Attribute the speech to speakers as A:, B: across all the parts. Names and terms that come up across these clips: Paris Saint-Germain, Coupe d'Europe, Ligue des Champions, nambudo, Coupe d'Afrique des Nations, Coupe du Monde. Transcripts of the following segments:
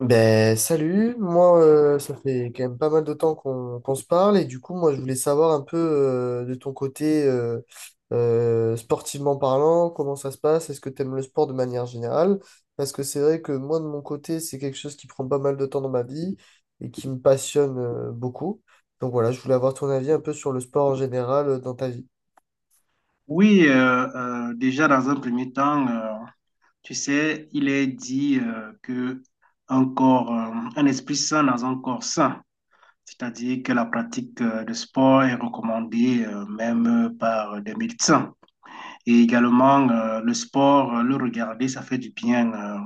A: Ben salut, moi ça fait quand même pas mal de temps qu'on se parle et du coup moi je voulais savoir un peu de ton côté sportivement parlant, comment ça se passe, est-ce que tu aimes le sport de manière générale? Parce que c'est vrai que moi de mon côté c'est quelque chose qui prend pas mal de temps dans ma vie et qui me passionne beaucoup. Donc voilà, je voulais avoir ton avis un peu sur le sport en général dans ta vie.
B: Oui, déjà dans un premier temps, tu sais, il est dit que un corps, un esprit sain dans un corps sain, c'est-à-dire que la pratique de sport est recommandée même par des médecins. Et également, le sport, le regarder, ça fait du bien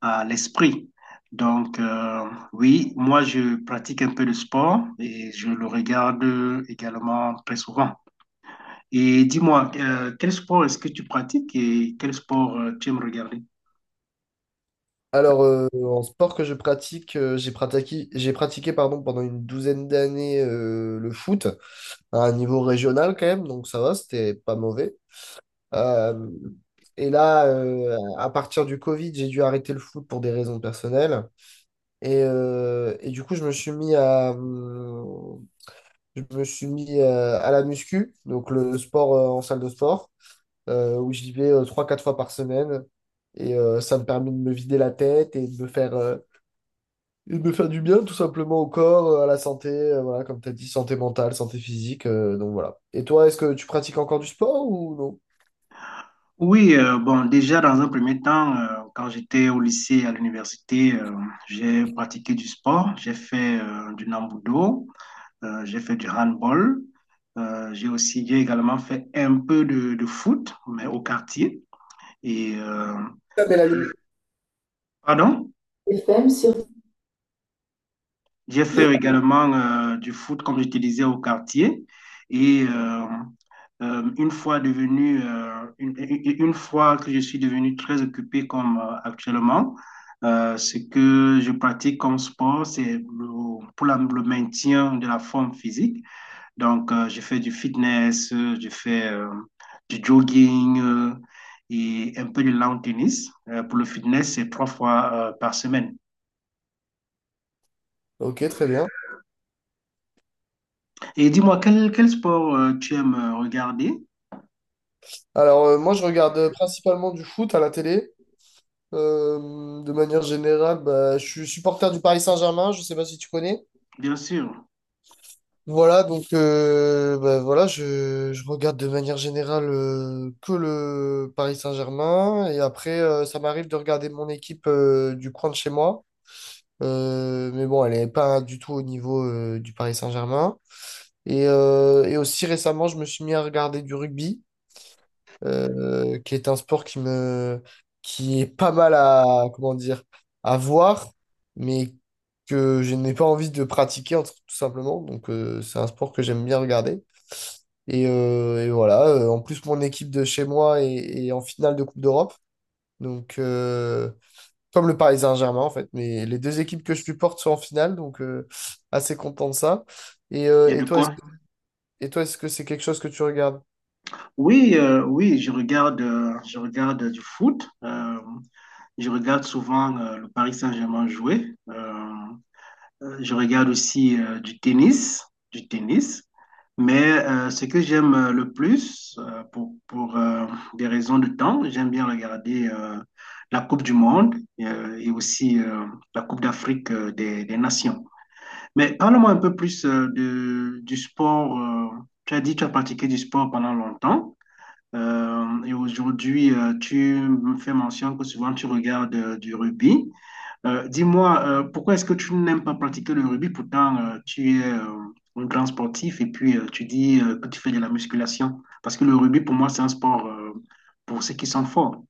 B: à l'esprit. Donc, oui, moi, je pratique un peu de sport et je le regarde également très souvent. Et dis-moi, quel sport est-ce que tu pratiques et quel sport tu aimes regarder?
A: En sport que je pratique, j'ai pratiqué pardon, pendant une douzaine d'années le foot. À un niveau régional quand même, donc ça va, c'était pas mauvais. Euh, et là, à partir du Covid, j'ai dû arrêter le foot pour des raisons personnelles. Et du coup, je me suis mis à la muscu, donc le sport en salle de sport, où j'y vais trois quatre fois par semaine. Et ça me permet de me vider la tête et et de me faire du bien tout simplement au corps, à la santé, voilà, comme tu as dit, santé mentale, santé physique, donc voilà. Et toi, est-ce que tu pratiques encore du sport ou non?
B: Oui, bon, déjà dans un premier temps, quand j'étais au lycée, à l'université, j'ai pratiqué du sport. J'ai fait du nambudo, j'ai fait du handball. J'ai également fait un peu de foot, mais au quartier. Et euh,
A: Ah, mais la lumière
B: pardon?
A: FM sur...
B: J'ai fait également du foot, comme je te disais, au quartier. Et euh, une fois une fois que je suis devenu très occupé comme actuellement, ce que je pratique comme sport, pour le maintien de la forme physique. Donc, je fais du fitness, je fais du jogging et un peu de lawn tennis. Pour le fitness, c'est trois fois par semaine.
A: Ok, très bien.
B: Et dis-moi, quel sport tu aimes regarder?
A: Moi, je regarde principalement du foot à la télé. De manière générale, bah, je suis supporter du Paris Saint-Germain, je sais pas si tu connais.
B: Bien sûr,
A: Voilà, donc bah, voilà, je regarde de manière générale que le Paris Saint-Germain. Et après, ça m'arrive de regarder mon équipe du coin de chez moi. Mais bon, elle n'est pas du tout au niveau du Paris Saint-Germain. Et aussi récemment, je me suis mis à regarder du rugby, qui est un sport qui est pas mal à, comment dire, à voir, mais que je n'ai pas envie de pratiquer, tout simplement. Donc, c'est un sport que j'aime bien regarder. Et voilà, en plus, mon équipe de chez moi est, est en finale de Coupe d'Europe. Donc, euh, Comme le Paris Saint-Germain en fait. Mais les deux équipes que je supporte sont en finale, donc assez content de ça. Et,
B: il
A: euh,
B: y a
A: et
B: de
A: toi, est-ce,
B: quoi.
A: et toi, est-ce que c'est quelque chose que tu regardes?
B: Oui, je regarde du foot. Je regarde souvent le Paris Saint-Germain jouer. Je regarde aussi du tennis, du tennis. Mais ce que j'aime le plus, pour des raisons de temps, j'aime bien regarder la Coupe du Monde et aussi la Coupe d'Afrique des Nations. Mais parle-moi un peu plus du sport. Tu as dit que tu as pratiqué du sport pendant longtemps. Et aujourd'hui, tu me fais mention que souvent tu regardes du rugby. Dis-moi, pourquoi est-ce que tu n'aimes pas pratiquer le rugby? Pourtant, tu es un grand sportif et puis tu dis que tu fais de la musculation. Parce que le rugby, pour moi, c'est un sport pour ceux qui sont forts.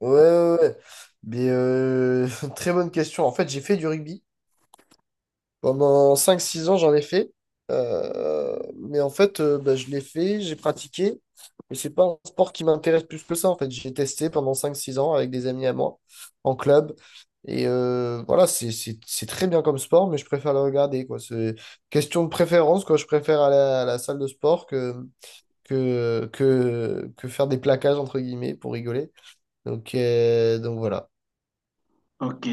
A: Ouais, ouais, ouais. Mais euh, très bonne question. En fait, j'ai fait du rugby. Pendant cinq six ans, j'en ai fait. Euh, mais en fait, bah, j'ai pratiqué. Mais c'est pas un sport qui m'intéresse plus que ça. En fait, j'ai testé pendant cinq six ans avec des amis à moi, en club. Et voilà, c'est très bien comme sport, mais je préfère le regarder, quoi. C'est question de préférence, quoi. Je préfère aller à la salle de sport que faire des plaquages, entre guillemets, pour rigoler. Donc, voilà.
B: Ok,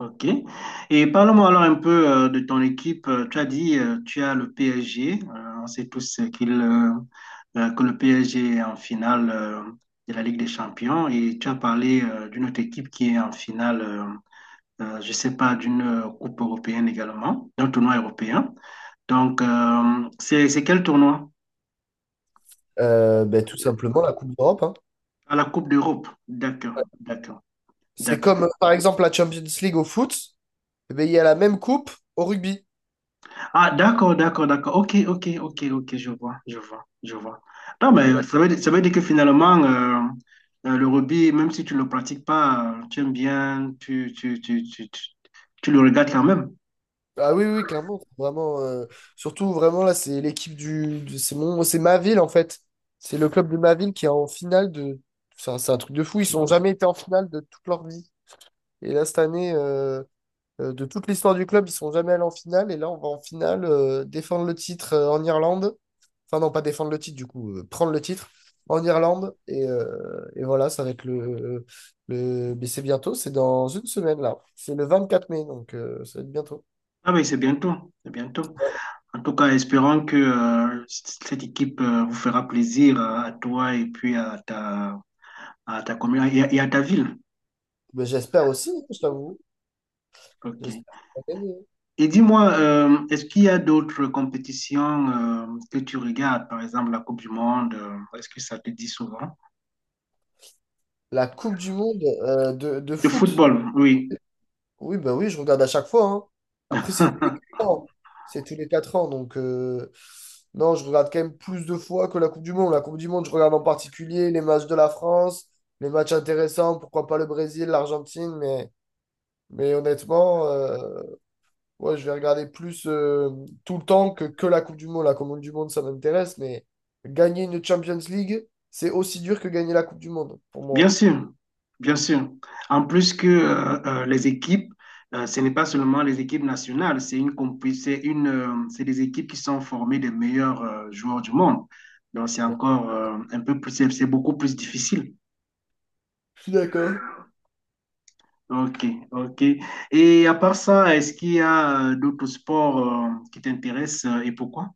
B: ok. Et parle-moi alors un peu de ton équipe. Tu as dit, tu as le PSG. On sait tous que le PSG est en finale de la Ligue des Champions. Et tu as parlé d'une autre équipe qui est en finale, je ne sais pas, d'une Coupe européenne également, d'un tournoi européen. Donc, c'est quel tournoi?
A: Bah, tout simplement, la Coupe d'Europe, hein.
B: À la Coupe d'Europe. D'accord, d'accord,
A: C'est
B: d'accord.
A: comme, par exemple, la Champions League au foot. Eh ben il y a la même coupe au rugby.
B: Ah, d'accord, d'accord, d'accord. Ok, ok, ok, ok, je vois, je vois, je vois. Non,
A: Voilà.
B: mais ça veut dire que finalement, le rugby, même si tu ne le pratiques pas, tu aimes bien, tu le regardes quand même.
A: Ah oui, oui, clairement. C'est Vraiment, vraiment, là, c'est l'équipe du. Du- c'est c'est ma ville, en fait. C'est le club de ma ville qui est en finale de. C'est c'est un truc de fou. Ils n'ont jamais été en finale de toute leur vie. Et là, cette année, euh, de toute l'histoire du club, ils sont jamais allés en finale. Et là, on va en finale défendre le titre en Irlande. Enfin, non, pas défendre le titre, du coup, prendre le titre en Irlande. Et voilà, ça va être le... Mais c'est bientôt, c'est dans une semaine, là. C'est le 24 mai, donc ça va être bientôt.
B: Ah, mais c'est bientôt, c'est bientôt.
A: Ouais.
B: En tout cas, espérons que cette équipe vous fera plaisir à toi et puis à ta commune et à ta ville.
A: Mais j'espère aussi, je t'avoue.
B: Ok.
A: J'espère qu'on va gagner.
B: Et dis-moi, est-ce qu'il y a d'autres compétitions que tu regardes, par exemple la Coupe du Monde, est-ce que ça te dit souvent?
A: La Coupe du Monde de
B: De
A: foot.
B: football, oui.
A: Oui, ben oui, je regarde à chaque fois, hein. Après, c'est tous les 4 ans. C'est tous les 4 ans. Donc, non, je regarde quand même plus de fois que la Coupe du Monde. La Coupe du Monde, je regarde en particulier les matchs de la France, les matchs intéressants, pourquoi pas le Brésil, l'Argentine. Mais honnêtement, ouais, je vais regarder plus tout le temps que, la Coupe du Monde. La Coupe du Monde, ça m'intéresse. Mais gagner une Champions League, c'est aussi dur que gagner la Coupe du Monde, pour
B: Bien
A: moi.
B: sûr, bien sûr. En plus que les équipes, ce n'est pas seulement les équipes nationales, c'est une, c'est des équipes qui sont formées des meilleurs joueurs du monde. Donc c'est
A: Ouais.
B: encore c'est beaucoup plus difficile.
A: Je suis d'accord.
B: Ok, ok. Et à part ça, est-ce qu'il y a d'autres sports qui t'intéressent et pourquoi?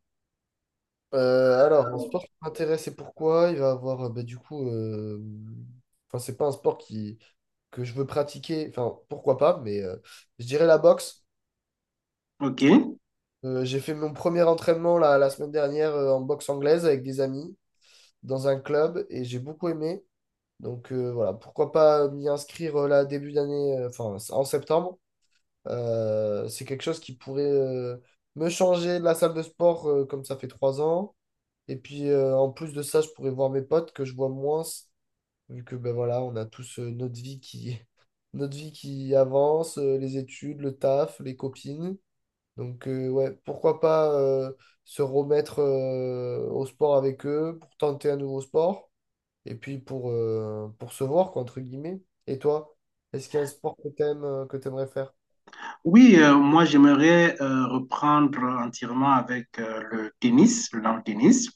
A: En sport qui m'intéresse et pourquoi, il va avoir, bah, du coup, enfin, c'est pas un sport que je veux pratiquer, enfin, pourquoi pas, mais je dirais la boxe.
B: Ok.
A: J'ai fait mon premier entraînement la semaine dernière en boxe anglaise avec des amis dans un club et j'ai beaucoup aimé. Donc voilà, pourquoi pas m'y inscrire là début d'année, enfin en septembre. C'est quelque chose qui pourrait me changer de la salle de sport comme ça fait trois ans. Et puis, en plus de ça, je pourrais voir mes potes que je vois moins, vu que ben voilà, on a tous notre vie notre vie qui avance, les études, le taf, les copines. Donc, ouais, pourquoi pas se remettre au sport avec eux pour tenter un nouveau sport et puis pour se voir, quoi, entre guillemets. Et toi, est-ce qu'il y a un sport que t'aimes, que t'aimerais faire?
B: Oui, moi j'aimerais reprendre entièrement avec le long tennis.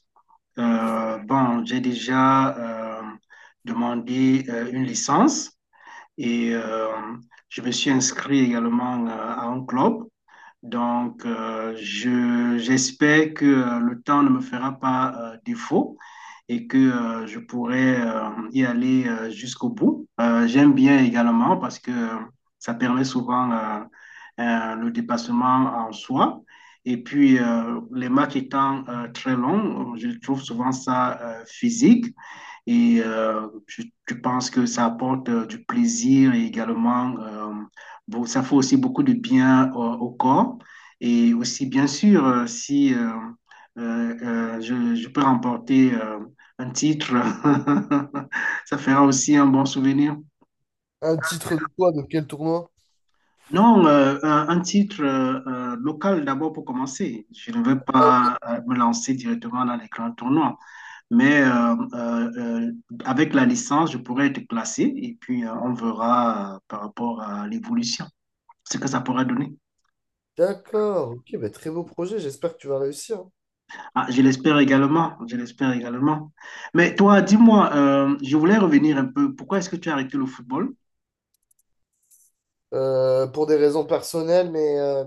B: Bon, j'ai déjà demandé une licence et je me suis inscrit également à un club. Donc, j'espère que le temps ne me fera pas défaut et que je pourrai y aller jusqu'au bout. J'aime bien également parce que ça permet souvent le dépassement en soi. Et puis, les matchs étant très longs, je trouve souvent ça physique. Et je pense que ça apporte du plaisir et également, bon, ça fait aussi beaucoup de bien au corps. Et aussi, bien sûr, si euh, je peux remporter un titre, ça fera aussi un bon souvenir.
A: Un titre de quoi, de quel tournoi?
B: Non, un titre local d'abord pour commencer. Je ne vais pas me lancer directement dans les grands tournois. Mais avec la licence, je pourrais être classé et puis on verra par rapport à l'évolution, ce que ça pourra donner.
A: D'accord, ok, ben très beau projet, j'espère que tu vas réussir.
B: Ah, je l'espère également, je l'espère également. Mais toi, dis-moi, je voulais revenir un peu. Pourquoi est-ce que tu as arrêté le football?
A: Pour des raisons personnelles, mais, euh,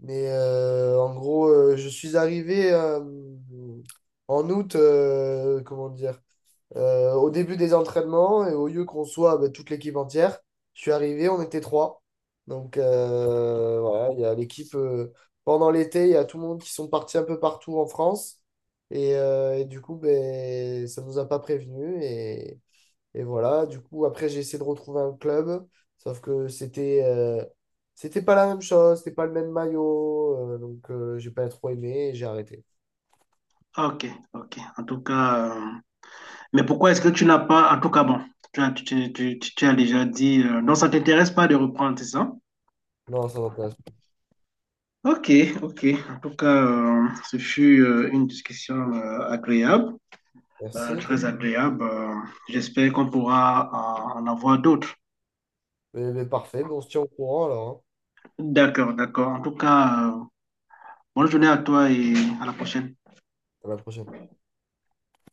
A: mais euh, en gros, je suis arrivé en août, comment dire, au début des entraînements et au lieu qu'on soit bah, toute l'équipe entière, je suis arrivé, on était trois. Donc voilà, il y a l'équipe pendant l'été, il y a tout le monde qui sont partis un peu partout en France. Et du coup, ben, ça nous a pas prévenus. Et voilà, du coup, après, j'ai essayé de retrouver un club, sauf que c'était c'était pas la même chose, c'était pas le même maillot, donc j'ai pas trop aimé et j'ai arrêté.
B: Ok, ok. En tout cas, mais pourquoi est-ce que tu n'as pas, en tout cas, bon, tu as, tu- tu- tu- tu as déjà dit, non, ça t'intéresse pas de reprendre, c'est ça?
A: Non, ça m'intéresse pas.
B: Ok, ok. En tout cas, ce fut une discussion agréable.
A: Merci toi.
B: Très agréable. J'espère qu'on pourra en avoir d'autres.
A: Mais parfait, mais on se tient au courant alors, hein.
B: D'accord, d'accord. En tout cas, bonne journée à toi et à la prochaine.
A: À la prochaine.